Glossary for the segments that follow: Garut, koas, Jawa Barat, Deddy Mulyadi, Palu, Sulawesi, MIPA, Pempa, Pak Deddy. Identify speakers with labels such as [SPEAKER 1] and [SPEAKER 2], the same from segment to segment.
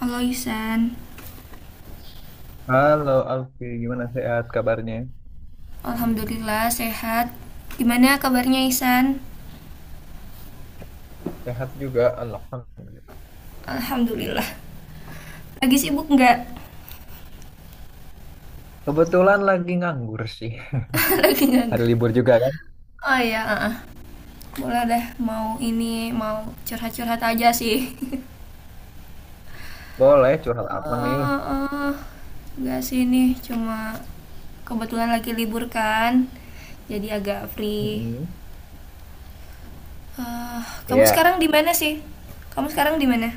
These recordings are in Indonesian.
[SPEAKER 1] Halo Ihsan,
[SPEAKER 2] Halo Alfi, gimana sehat kabarnya?
[SPEAKER 1] alhamdulillah sehat. Gimana kabarnya Ihsan?
[SPEAKER 2] Sehat juga, alhamdulillah.
[SPEAKER 1] Alhamdulillah. Lagi sibuk nggak?
[SPEAKER 2] Kebetulan lagi nganggur sih.
[SPEAKER 1] Lagi
[SPEAKER 2] Hari
[SPEAKER 1] nganggur.
[SPEAKER 2] libur juga kan?
[SPEAKER 1] Oh iya, ah, boleh deh. Mau ini, mau curhat-curhat aja sih.
[SPEAKER 2] Boleh curhat apa nih?
[SPEAKER 1] Eh, eh, Nggak sih ini, cuma kebetulan lagi libur kan, jadi agak free.
[SPEAKER 2] Mm-mm.
[SPEAKER 1] Eh, Kamu
[SPEAKER 2] Ya,
[SPEAKER 1] sekarang di mana sih? Kamu sekarang di mana?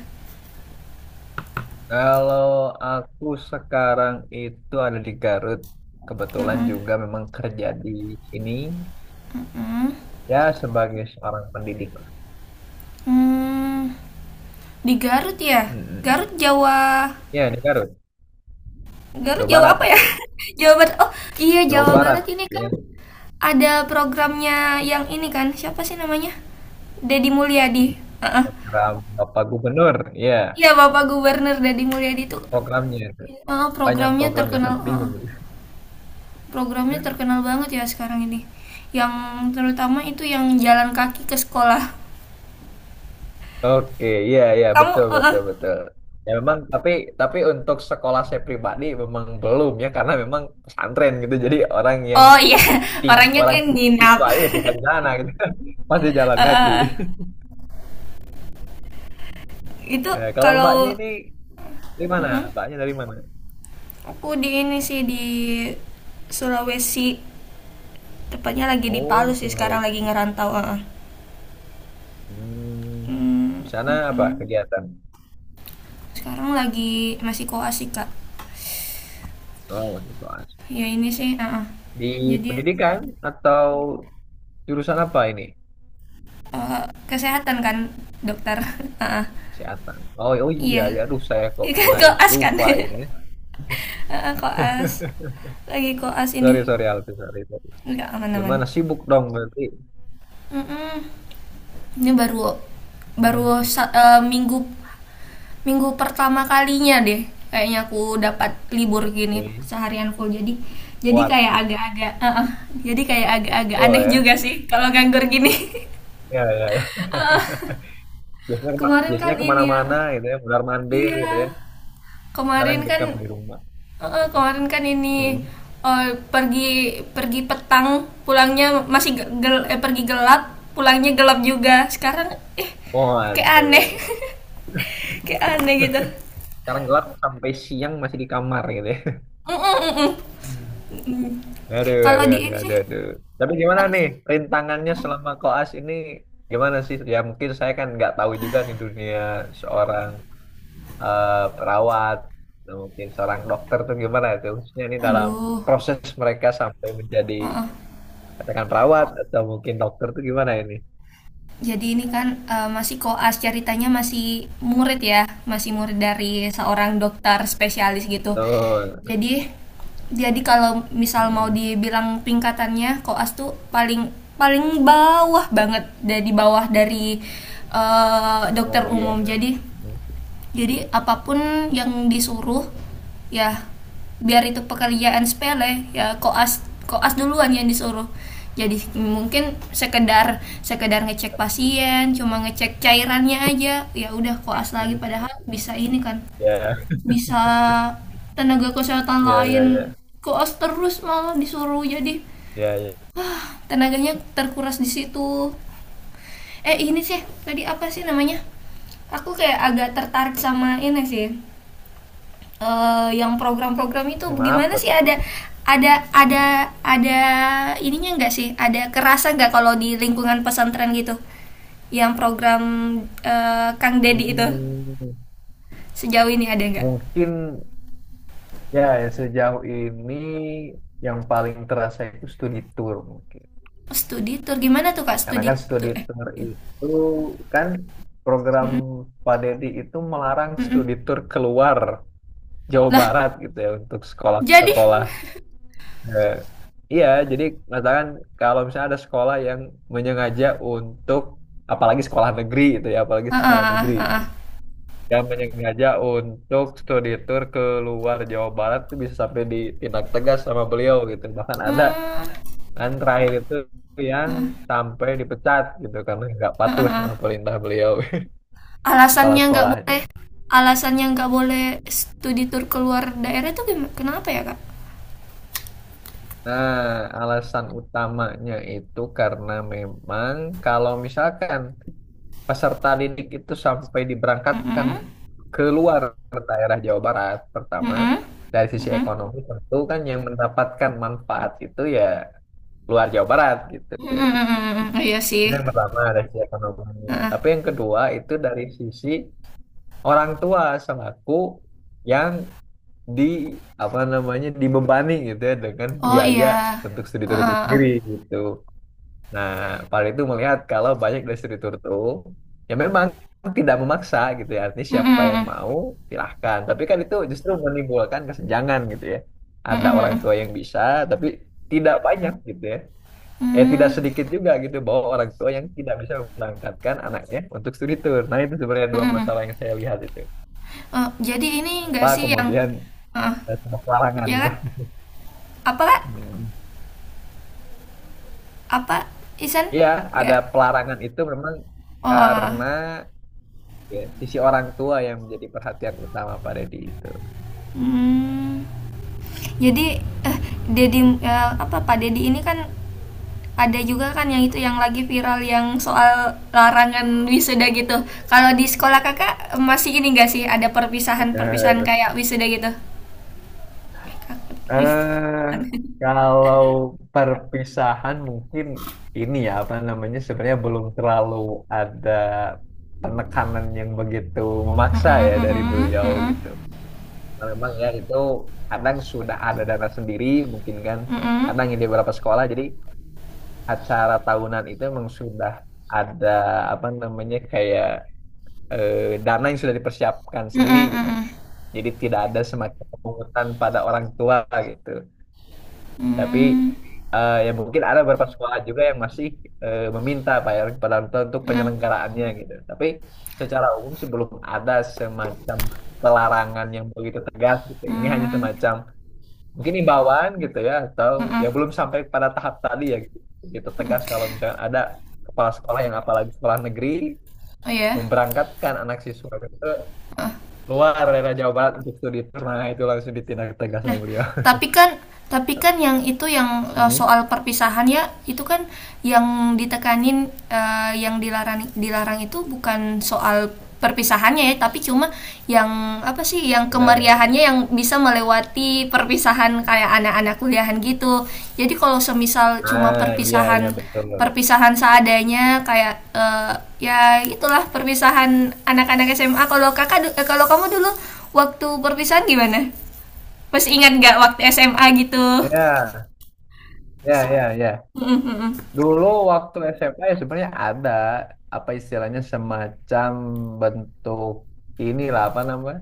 [SPEAKER 2] kalau aku sekarang itu ada di Garut. Kebetulan
[SPEAKER 1] Mm-mm,
[SPEAKER 2] juga memang kerja di sini.
[SPEAKER 1] mm-mm.
[SPEAKER 2] Ya, sebagai seorang pendidik lah.
[SPEAKER 1] Hmm, di Garut ya?
[SPEAKER 2] Mm-mm.
[SPEAKER 1] Garut Jawa,
[SPEAKER 2] Ya, di Garut.
[SPEAKER 1] Garut
[SPEAKER 2] Jawa
[SPEAKER 1] jauh
[SPEAKER 2] Barat
[SPEAKER 1] apa ya?
[SPEAKER 2] itu.
[SPEAKER 1] Jawa Barat. Oh, iya,
[SPEAKER 2] Jawa
[SPEAKER 1] Jawa Barat
[SPEAKER 2] Barat.
[SPEAKER 1] ini kan
[SPEAKER 2] Ya.
[SPEAKER 1] ada programnya yang ini kan. Siapa sih namanya? Deddy Mulyadi. Heeh.
[SPEAKER 2] Program Bapak Gubernur. Ya,
[SPEAKER 1] Iya, Bapak Gubernur Deddy Mulyadi itu.
[SPEAKER 2] programnya itu.
[SPEAKER 1] Heeh,
[SPEAKER 2] Banyak
[SPEAKER 1] programnya
[SPEAKER 2] programnya.
[SPEAKER 1] terkenal,
[SPEAKER 2] Sampai
[SPEAKER 1] heeh.
[SPEAKER 2] bingung.
[SPEAKER 1] Programnya terkenal banget ya sekarang ini. Yang terutama itu yang jalan kaki ke sekolah.
[SPEAKER 2] Oke, iya iya,
[SPEAKER 1] Kamu
[SPEAKER 2] betul
[SPEAKER 1] heeh.
[SPEAKER 2] betul betul. Ya memang, tapi untuk sekolah saya pribadi memang belum ya, karena memang pesantren gitu. Jadi orang yang
[SPEAKER 1] Oh iya,
[SPEAKER 2] ting
[SPEAKER 1] orangnya
[SPEAKER 2] orang
[SPEAKER 1] kan nginap.
[SPEAKER 2] siswanya ya tinggal di sana gitu. Masih jalan kaki.
[SPEAKER 1] Heeh. Itu
[SPEAKER 2] Ya, kalau mbaknya
[SPEAKER 1] kalau
[SPEAKER 2] ini dari mana?
[SPEAKER 1] heeh.
[SPEAKER 2] Mbaknya dari mana?
[SPEAKER 1] Aku di ini sih di Sulawesi, tepatnya lagi di Palu
[SPEAKER 2] Oh,
[SPEAKER 1] sih, sekarang lagi
[SPEAKER 2] Sulawesi.
[SPEAKER 1] ngerantau, heeh.
[SPEAKER 2] Hmm,
[SPEAKER 1] Hmm,
[SPEAKER 2] di sana apa
[SPEAKER 1] mm-mm.
[SPEAKER 2] kegiatan?
[SPEAKER 1] Sekarang lagi masih koas sih, Kak.
[SPEAKER 2] Oh, Sulawesi.
[SPEAKER 1] Ya ini sih, heeh.
[SPEAKER 2] Di
[SPEAKER 1] Jadi
[SPEAKER 2] pendidikan atau jurusan apa ini?
[SPEAKER 1] eh, kesehatan kan, dokter. Heeh.
[SPEAKER 2] Kesehatan. Oh, oh iya,
[SPEAKER 1] Iya.
[SPEAKER 2] ya aduh saya kok
[SPEAKER 1] Iya kan
[SPEAKER 2] mulai
[SPEAKER 1] koas kan.
[SPEAKER 2] lupa
[SPEAKER 1] Heeh,
[SPEAKER 2] ini.
[SPEAKER 1] koas. Lagi koas
[SPEAKER 2] Sorry,
[SPEAKER 1] ini.
[SPEAKER 2] sorry, Alfi, sorry, sorry.
[SPEAKER 1] Nggak aman-aman.
[SPEAKER 2] Gimana, sibuk dong berarti?
[SPEAKER 1] Mm-mm. Ini baru baru
[SPEAKER 2] Hmm.
[SPEAKER 1] sa- eh, minggu, minggu pertama kalinya deh kayaknya aku dapat libur gini
[SPEAKER 2] Oke.
[SPEAKER 1] seharian full, jadi kayak
[SPEAKER 2] Waduh,
[SPEAKER 1] agak-agak jadi kayak agak-agak
[SPEAKER 2] oh
[SPEAKER 1] aneh
[SPEAKER 2] ya,
[SPEAKER 1] juga sih kalau nganggur gini.
[SPEAKER 2] ya, ya, ya.
[SPEAKER 1] Eh, eh.
[SPEAKER 2] Biasanya,
[SPEAKER 1] Kemarin kan
[SPEAKER 2] biasanya
[SPEAKER 1] ini ya.
[SPEAKER 2] kemana-mana gitu ya, benar mandir gitu ya.
[SPEAKER 1] Iya,
[SPEAKER 2] Sekarang
[SPEAKER 1] kemarin kan,
[SPEAKER 2] dekam di rumah. Gitu.
[SPEAKER 1] kemarin kan
[SPEAKER 2] Hmm.
[SPEAKER 1] ini, eh, pergi, pergi petang, pulangnya masih ge- gel, eh, pergi gelap, pulangnya gelap juga. Sekarang eh kayak aneh.
[SPEAKER 2] Waduh,
[SPEAKER 1] Kayak aneh gitu.
[SPEAKER 2] sekarang gelap sampai siang masih di kamar gitu ya.
[SPEAKER 1] Mm, mm, mm, mm.
[SPEAKER 2] Aduh,
[SPEAKER 1] Kalau
[SPEAKER 2] aduh,
[SPEAKER 1] di
[SPEAKER 2] aduh,
[SPEAKER 1] ini sih
[SPEAKER 2] aduh, aduh. Tapi gimana
[SPEAKER 1] apa
[SPEAKER 2] nih
[SPEAKER 1] sih?
[SPEAKER 2] rintangannya selama koas ini? Gimana sih? Ya mungkin saya kan nggak tahu juga di dunia seorang perawat, atau mungkin seorang dokter tuh gimana itu, khususnya ini dalam
[SPEAKER 1] Aduh.
[SPEAKER 2] proses mereka sampai menjadi
[SPEAKER 1] Heeh.
[SPEAKER 2] katakan perawat atau mungkin dokter tuh gimana ini?
[SPEAKER 1] Jadi ini kan masih koas, ceritanya masih murid ya, masih murid dari seorang dokter spesialis gitu.
[SPEAKER 2] Betul.
[SPEAKER 1] Jadi jadi kalau misal mau
[SPEAKER 2] Mm-mm.
[SPEAKER 1] dibilang tingkatannya koas tuh paling paling bawah banget, dari bawah dari dokter
[SPEAKER 2] Oh iya.
[SPEAKER 1] umum.
[SPEAKER 2] Mm.
[SPEAKER 1] Jadi apapun yang disuruh ya biar itu pekerjaan sepele ya koas, koas duluan yang disuruh, jadi mungkin sekedar sekedar ngecek pasien, cuma ngecek cairannya aja ya udah, koas lagi padahal bisa ini kan,
[SPEAKER 2] Ya,
[SPEAKER 1] bisa tenaga kesehatan
[SPEAKER 2] ya, ya,
[SPEAKER 1] lain,
[SPEAKER 2] ya,
[SPEAKER 1] koas terus malah disuruh. Jadi
[SPEAKER 2] ya, ya.
[SPEAKER 1] ah, tenaganya terkuras di situ. Ini sih tadi apa sih namanya, aku kayak agak tertarik sama ini sih, yang program-program itu
[SPEAKER 2] Sama
[SPEAKER 1] gimana
[SPEAKER 2] apa
[SPEAKER 1] sih,
[SPEAKER 2] tuh?
[SPEAKER 1] ada ada ada ada ininya nggak sih, ada kerasa nggak kalau di lingkungan pesantren gitu yang program, Kang Deddy itu,
[SPEAKER 2] Hmm,
[SPEAKER 1] sejauh ini ada nggak?
[SPEAKER 2] mungkin ya, ya, sejauh ini yang paling terasa itu studi tour mungkin.
[SPEAKER 1] Studi tour gimana tuh, Kak?
[SPEAKER 2] Karena
[SPEAKER 1] studi
[SPEAKER 2] kan studi
[SPEAKER 1] tour eh
[SPEAKER 2] tour
[SPEAKER 1] iya.
[SPEAKER 2] itu kan program
[SPEAKER 1] Mm-mm,
[SPEAKER 2] Pak Deddy itu melarang studi tour keluar Jawa
[SPEAKER 1] lah
[SPEAKER 2] Barat gitu ya untuk
[SPEAKER 1] jadi.
[SPEAKER 2] sekolah-sekolah. Eh, iya, jadi katakan kalau misalnya ada sekolah yang menyengaja untuk, apalagi sekolah negeri itu ya, apalagi
[SPEAKER 1] Ah,
[SPEAKER 2] sekolah negeri
[SPEAKER 1] ah, ah,
[SPEAKER 2] itu
[SPEAKER 1] ah.
[SPEAKER 2] yang menyengaja untuk studi tour keluar Jawa Barat, itu bisa sampai ditindak tegas sama beliau gitu. Bahkan ada
[SPEAKER 1] Hmm,
[SPEAKER 2] dan terakhir itu yang sampai dipecat gitu karena nggak
[SPEAKER 1] ah,
[SPEAKER 2] patuh
[SPEAKER 1] ah,
[SPEAKER 2] sama
[SPEAKER 1] ah.
[SPEAKER 2] perintah beliau, kepala
[SPEAKER 1] Alasannya nggak boleh,
[SPEAKER 2] sekolahnya.
[SPEAKER 1] alasannya nggak boleh studi tour keluar daerah itu gimana, kenapa ya Kak?
[SPEAKER 2] Nah, alasan utamanya itu karena memang kalau misalkan peserta didik itu sampai diberangkatkan
[SPEAKER 1] Mm-mm,
[SPEAKER 2] keluar daerah Jawa Barat, pertama
[SPEAKER 1] mm-mm.
[SPEAKER 2] dari sisi
[SPEAKER 1] Mm-mm.
[SPEAKER 2] ekonomi tentu kan yang mendapatkan manfaat itu ya luar Jawa Barat gitu.
[SPEAKER 1] Mm-mm. Iya sih.
[SPEAKER 2] Itu yang pertama dari sisi ekonomi. Tapi
[SPEAKER 1] Mm-mm.
[SPEAKER 2] yang kedua itu dari sisi orang tua selaku yang di apa namanya, dibebani gitu ya dengan
[SPEAKER 1] Oh
[SPEAKER 2] biaya
[SPEAKER 1] iya.
[SPEAKER 2] untuk studi tur itu
[SPEAKER 1] Uh,
[SPEAKER 2] sendiri gitu. Nah, paling itu melihat kalau banyak dari studi tur itu ya memang tidak memaksa gitu ya. Artinya siapa yang mau
[SPEAKER 1] mm-mm.
[SPEAKER 2] silahkan. Tapi kan itu justru menimbulkan kesenjangan gitu ya. Ada orang
[SPEAKER 1] Mm-mm.
[SPEAKER 2] tua yang bisa tapi tidak banyak gitu ya. Eh, tidak
[SPEAKER 1] Mm.
[SPEAKER 2] sedikit juga gitu bahwa orang tua yang tidak bisa memberangkatkan anaknya untuk studi tur. Nah, itu sebenarnya dua
[SPEAKER 1] Mm-mm.
[SPEAKER 2] masalah yang saya lihat itu
[SPEAKER 1] Eh, jadi ini
[SPEAKER 2] apa
[SPEAKER 1] enggak sih yang,
[SPEAKER 2] kemudian
[SPEAKER 1] eh,
[SPEAKER 2] ada pelarangan
[SPEAKER 1] ya
[SPEAKER 2] gitu.
[SPEAKER 1] Kak? Apa Kak?
[SPEAKER 2] Hmm.
[SPEAKER 1] Apa Isan?
[SPEAKER 2] Iya, ada
[SPEAKER 1] Enggak.
[SPEAKER 2] pelarangan itu memang
[SPEAKER 1] Oh.
[SPEAKER 2] karena
[SPEAKER 1] Eh.
[SPEAKER 2] ya, sisi orang tua yang menjadi perhatian utama Pak Deddy itu.
[SPEAKER 1] Hmm. Jadi eh Dedi apa, Pak Dedi ini kan ada juga kan yang itu yang lagi viral, yang soal larangan wisuda gitu. Kalau di sekolah kakak, masih ini enggak sih ada perpisahan-perpisahan
[SPEAKER 2] Benar.
[SPEAKER 1] kayak wisuda gitu?
[SPEAKER 2] Eh, Kalau perpisahan mungkin ini ya apa namanya, sebenarnya belum terlalu ada penekanan yang begitu memaksa ya dari beliau gitu. Nah, memang ya itu kadang sudah ada dana sendiri mungkin kan, kadang ini beberapa sekolah jadi acara tahunan itu memang sudah ada apa namanya, kayak dana yang sudah dipersiapkan sendiri gitu. Jadi tidak ada semacam pungutan pada orang tua gitu. Tapi ya mungkin ada beberapa sekolah juga yang masih meminta Pak ya kepada orang tua untuk penyelenggaraannya gitu. Tapi secara umum sih belum ada semacam pelarangan yang begitu tegas gitu. Ini hanya semacam mungkin imbauan gitu ya, atau ya belum sampai pada tahap tadi ya gitu, gitu tegas kalau misalnya ada kepala sekolah yang apalagi sekolah negeri
[SPEAKER 1] Oh ya.
[SPEAKER 2] memberangkatkan anak siswa itu
[SPEAKER 1] Eh,
[SPEAKER 2] luar daerah Jawa Barat untuk studi tour, nah itu langsung ditindak tegas sama beliau.
[SPEAKER 1] Tapi kan tapi kan yang itu, yang
[SPEAKER 2] Hmm.
[SPEAKER 1] soal perpisahan ya itu kan, yang ditekanin, yang dilarang dilarang itu bukan soal perpisahannya ya, tapi cuma yang apa sih, yang
[SPEAKER 2] Benar.
[SPEAKER 1] kemeriahannya yang bisa melewati perpisahan kayak anak-anak kuliahan gitu. Jadi kalau semisal cuma
[SPEAKER 2] Ah iya iya,
[SPEAKER 1] perpisahan,
[SPEAKER 2] betul.
[SPEAKER 1] perpisahan seadanya kayak, ya itulah perpisahan anak-anak SMA. Kalau kakak, kalau kamu dulu waktu perpisahan gimana, masih ingat nggak waktu SMA gitu?
[SPEAKER 2] Ya ya ya, ya
[SPEAKER 1] Mm-mm, mm-mm.
[SPEAKER 2] dulu waktu SMA ya sebenarnya ada apa istilahnya, semacam bentuk inilah apa namanya,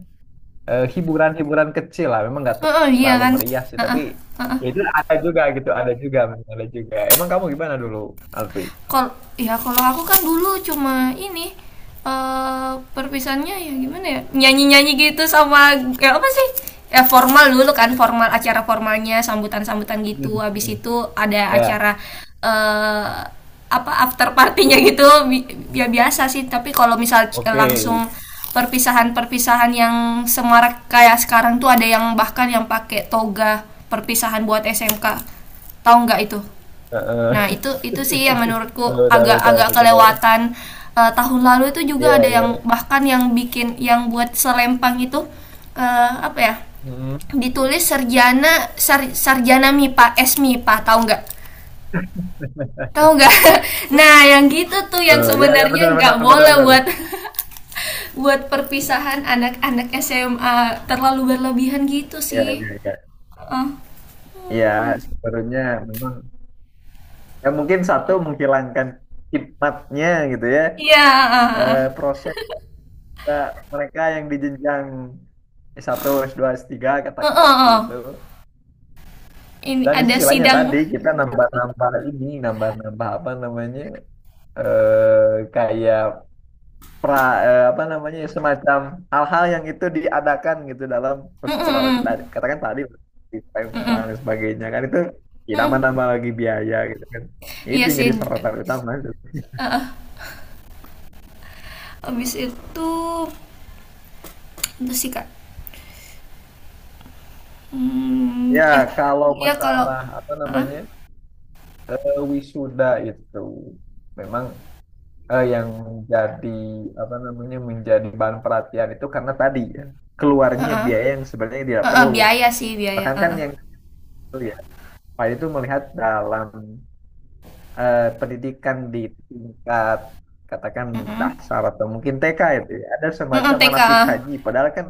[SPEAKER 2] hiburan-hiburan kecil lah, memang nggak
[SPEAKER 1] Heeh, iya
[SPEAKER 2] terlalu
[SPEAKER 1] kan?
[SPEAKER 2] meriah sih,
[SPEAKER 1] Heeh,
[SPEAKER 2] tapi
[SPEAKER 1] heeh.
[SPEAKER 2] ya itu ada juga gitu, ada juga memang, ada juga. Emang kamu gimana dulu, Alfi?
[SPEAKER 1] Kalau ya kalau aku kan dulu cuma ini, perpisahannya ya gimana ya, nyanyi nyanyi gitu, sama ya apa sih, ya formal dulu kan, formal acara formalnya, sambutan sambutan
[SPEAKER 2] Hmm,
[SPEAKER 1] gitu, habis
[SPEAKER 2] hmm.
[SPEAKER 1] itu ada
[SPEAKER 2] Ya.
[SPEAKER 1] acara eh apa after partinya gitu, ya biasa sih. Tapi kalau misal
[SPEAKER 2] Oke.
[SPEAKER 1] langsung perpisahan-perpisahan yang semarak kayak sekarang tuh ada yang bahkan yang pakai toga, perpisahan buat SMK, tahu nggak itu? Nah,
[SPEAKER 2] Heeh.
[SPEAKER 1] itu sih yang menurutku
[SPEAKER 2] Tahu tahu tahu
[SPEAKER 1] agak-agak
[SPEAKER 2] tahu.
[SPEAKER 1] kelewatan. Eh, tahun lalu itu juga ada
[SPEAKER 2] Ya ya.
[SPEAKER 1] yang bahkan yang bikin yang buat selempang itu, apa ya?
[SPEAKER 2] Hmm.
[SPEAKER 1] Ditulis sarjana, sarjana MIPA, S MIPA, tahu nggak? Tahu nggak? Nah, yang gitu tuh yang
[SPEAKER 2] Oh, ya ya,
[SPEAKER 1] sebenarnya
[SPEAKER 2] benar
[SPEAKER 1] nggak
[SPEAKER 2] benar benar
[SPEAKER 1] boleh
[SPEAKER 2] benar.
[SPEAKER 1] buat, buat perpisahan anak-anak SMA, terlalu berlebihan gitu
[SPEAKER 2] Ya
[SPEAKER 1] sih.
[SPEAKER 2] ya ya,
[SPEAKER 1] Eh,
[SPEAKER 2] ya sebenarnya memang ya mungkin satu, menghilangkan khidmatnya gitu ya.
[SPEAKER 1] iya. Eh, eh, eh.
[SPEAKER 2] Eh, proses, nah, mereka yang di jenjang S1, S2, S3,
[SPEAKER 1] Eh,
[SPEAKER 2] katakan
[SPEAKER 1] eh,
[SPEAKER 2] seperti itu.
[SPEAKER 1] eh. Ini
[SPEAKER 2] Dan di
[SPEAKER 1] ada
[SPEAKER 2] sisi lainnya tadi
[SPEAKER 1] sidang.
[SPEAKER 2] kita nambah-nambah ini, nambah-nambah apa namanya? eh Kayak pra, apa namanya? Semacam hal-hal yang itu diadakan gitu dalam
[SPEAKER 1] Mm,
[SPEAKER 2] perseperawatan
[SPEAKER 1] mm, mm.
[SPEAKER 2] katakan tadi, di Pempa
[SPEAKER 1] Mm-mm.
[SPEAKER 2] dan sebagainya kan, itu ya,
[SPEAKER 1] Mm-mm.
[SPEAKER 2] nambah-nambah lagi biaya gitu kan. Itu
[SPEAKER 1] Iya
[SPEAKER 2] yang
[SPEAKER 1] sih.
[SPEAKER 2] jadi sorotan utama itu.
[SPEAKER 1] Heeh. Habis itu sih Kak. Hmm,
[SPEAKER 2] Ya,
[SPEAKER 1] eh,
[SPEAKER 2] kalau
[SPEAKER 1] iya kalau
[SPEAKER 2] masalah apa
[SPEAKER 1] heeh,
[SPEAKER 2] namanya? Wisuda itu memang yang jadi apa namanya, menjadi bahan perhatian itu karena tadi ya, keluarnya
[SPEAKER 1] heeh.
[SPEAKER 2] biaya yang sebenarnya tidak
[SPEAKER 1] Heeh,
[SPEAKER 2] perlu.
[SPEAKER 1] biaya sih biaya.
[SPEAKER 2] Bahkan kan
[SPEAKER 1] Heeh.
[SPEAKER 2] yang itu ya, Pak itu melihat dalam pendidikan di tingkat katakan
[SPEAKER 1] Heeh.
[SPEAKER 2] dasar atau mungkin TK itu ya, ada
[SPEAKER 1] Heeh,
[SPEAKER 2] semacam
[SPEAKER 1] TK.
[SPEAKER 2] manasik haji. Padahal kan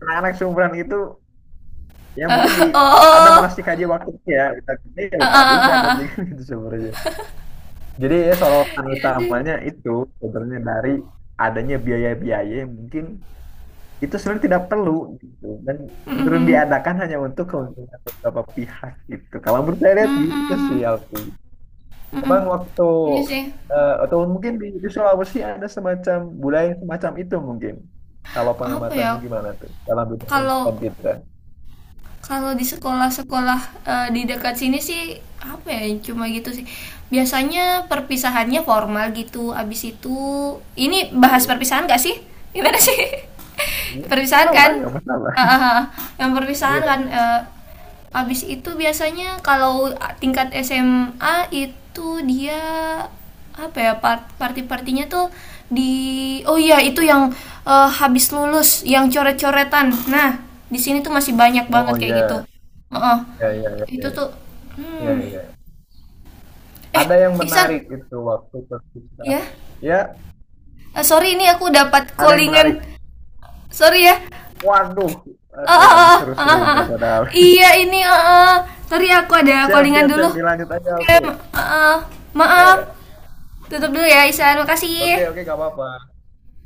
[SPEAKER 2] anak-anak seumuran itu ya mungkin di, ada
[SPEAKER 1] Oh.
[SPEAKER 2] manasik haji waktunya ya, kita ini ya lupa
[SPEAKER 1] Heeh,
[SPEAKER 2] juga
[SPEAKER 1] heeh,
[SPEAKER 2] dan
[SPEAKER 1] heeh.
[SPEAKER 2] juga gitu sebenarnya. Jadi ya sorotan
[SPEAKER 1] Iya sih.
[SPEAKER 2] utamanya itu sebenarnya dari adanya biaya-biaya yang mungkin itu sebenarnya tidak perlu gitu, dan cenderung
[SPEAKER 1] Mm-mm.
[SPEAKER 2] diadakan hanya untuk keuntungan beberapa pihak gitu, kalau menurut saya lihat gitu sih
[SPEAKER 1] Mm-mm.
[SPEAKER 2] Alfi.
[SPEAKER 1] Mm-mm.
[SPEAKER 2] Cuman waktu
[SPEAKER 1] Ini sih
[SPEAKER 2] atau mungkin di Sulawesi ada semacam budaya yang semacam itu mungkin, kalau
[SPEAKER 1] apa ya?
[SPEAKER 2] pengamatanmu gimana tuh dalam dunia
[SPEAKER 1] Kalau,
[SPEAKER 2] pendidikan kita.
[SPEAKER 1] kalau di sekolah-sekolah, di dekat sini sih apa ya, cuma gitu sih. Biasanya perpisahannya formal gitu. Abis itu, ini bahas
[SPEAKER 2] Iya.
[SPEAKER 1] perpisahan gak sih? Gimana sih?
[SPEAKER 2] Iya, nggak
[SPEAKER 1] Perpisahan
[SPEAKER 2] masalah,
[SPEAKER 1] kan?
[SPEAKER 2] nggak masalah.
[SPEAKER 1] Ah, ah, ah. Yang perpisahan
[SPEAKER 2] Iya.
[SPEAKER 1] kan, abis itu biasanya kalau tingkat SMA itu dia apa ya, party-partinya tuh di, oh iya itu yang, habis lulus yang coret-coretan. Nah, di sini tuh masih banyak
[SPEAKER 2] Oh
[SPEAKER 1] banget kayak
[SPEAKER 2] iya
[SPEAKER 1] gitu. Heeh.
[SPEAKER 2] iya iya iya,
[SPEAKER 1] Itu
[SPEAKER 2] iya
[SPEAKER 1] tuh
[SPEAKER 2] iya
[SPEAKER 1] hmm.
[SPEAKER 2] iya. Iya.
[SPEAKER 1] Eh,
[SPEAKER 2] Ada yang
[SPEAKER 1] Ihsan,
[SPEAKER 2] menarik itu waktu
[SPEAKER 1] ya.
[SPEAKER 2] perpisahan ya,
[SPEAKER 1] Eh, sorry ini aku dapat
[SPEAKER 2] ada yang menarik.
[SPEAKER 1] callingan. Sorry ya.
[SPEAKER 2] Waduh,
[SPEAKER 1] Eh,
[SPEAKER 2] aduh, lagi
[SPEAKER 1] eh, eh, eh, eh.
[SPEAKER 2] seru-serunya
[SPEAKER 1] Eh.
[SPEAKER 2] padahal.
[SPEAKER 1] Iya ini sorry aku ada
[SPEAKER 2] Siap,
[SPEAKER 1] callingan
[SPEAKER 2] siap,
[SPEAKER 1] dulu.
[SPEAKER 2] siap. Dilanjut aja.
[SPEAKER 1] Oke,
[SPEAKER 2] Oke.
[SPEAKER 1] eh. maaf.
[SPEAKER 2] Ya.
[SPEAKER 1] Tutup dulu ya Isa,
[SPEAKER 2] Oke, oke,
[SPEAKER 1] makasih.
[SPEAKER 2] nggak apa-apa.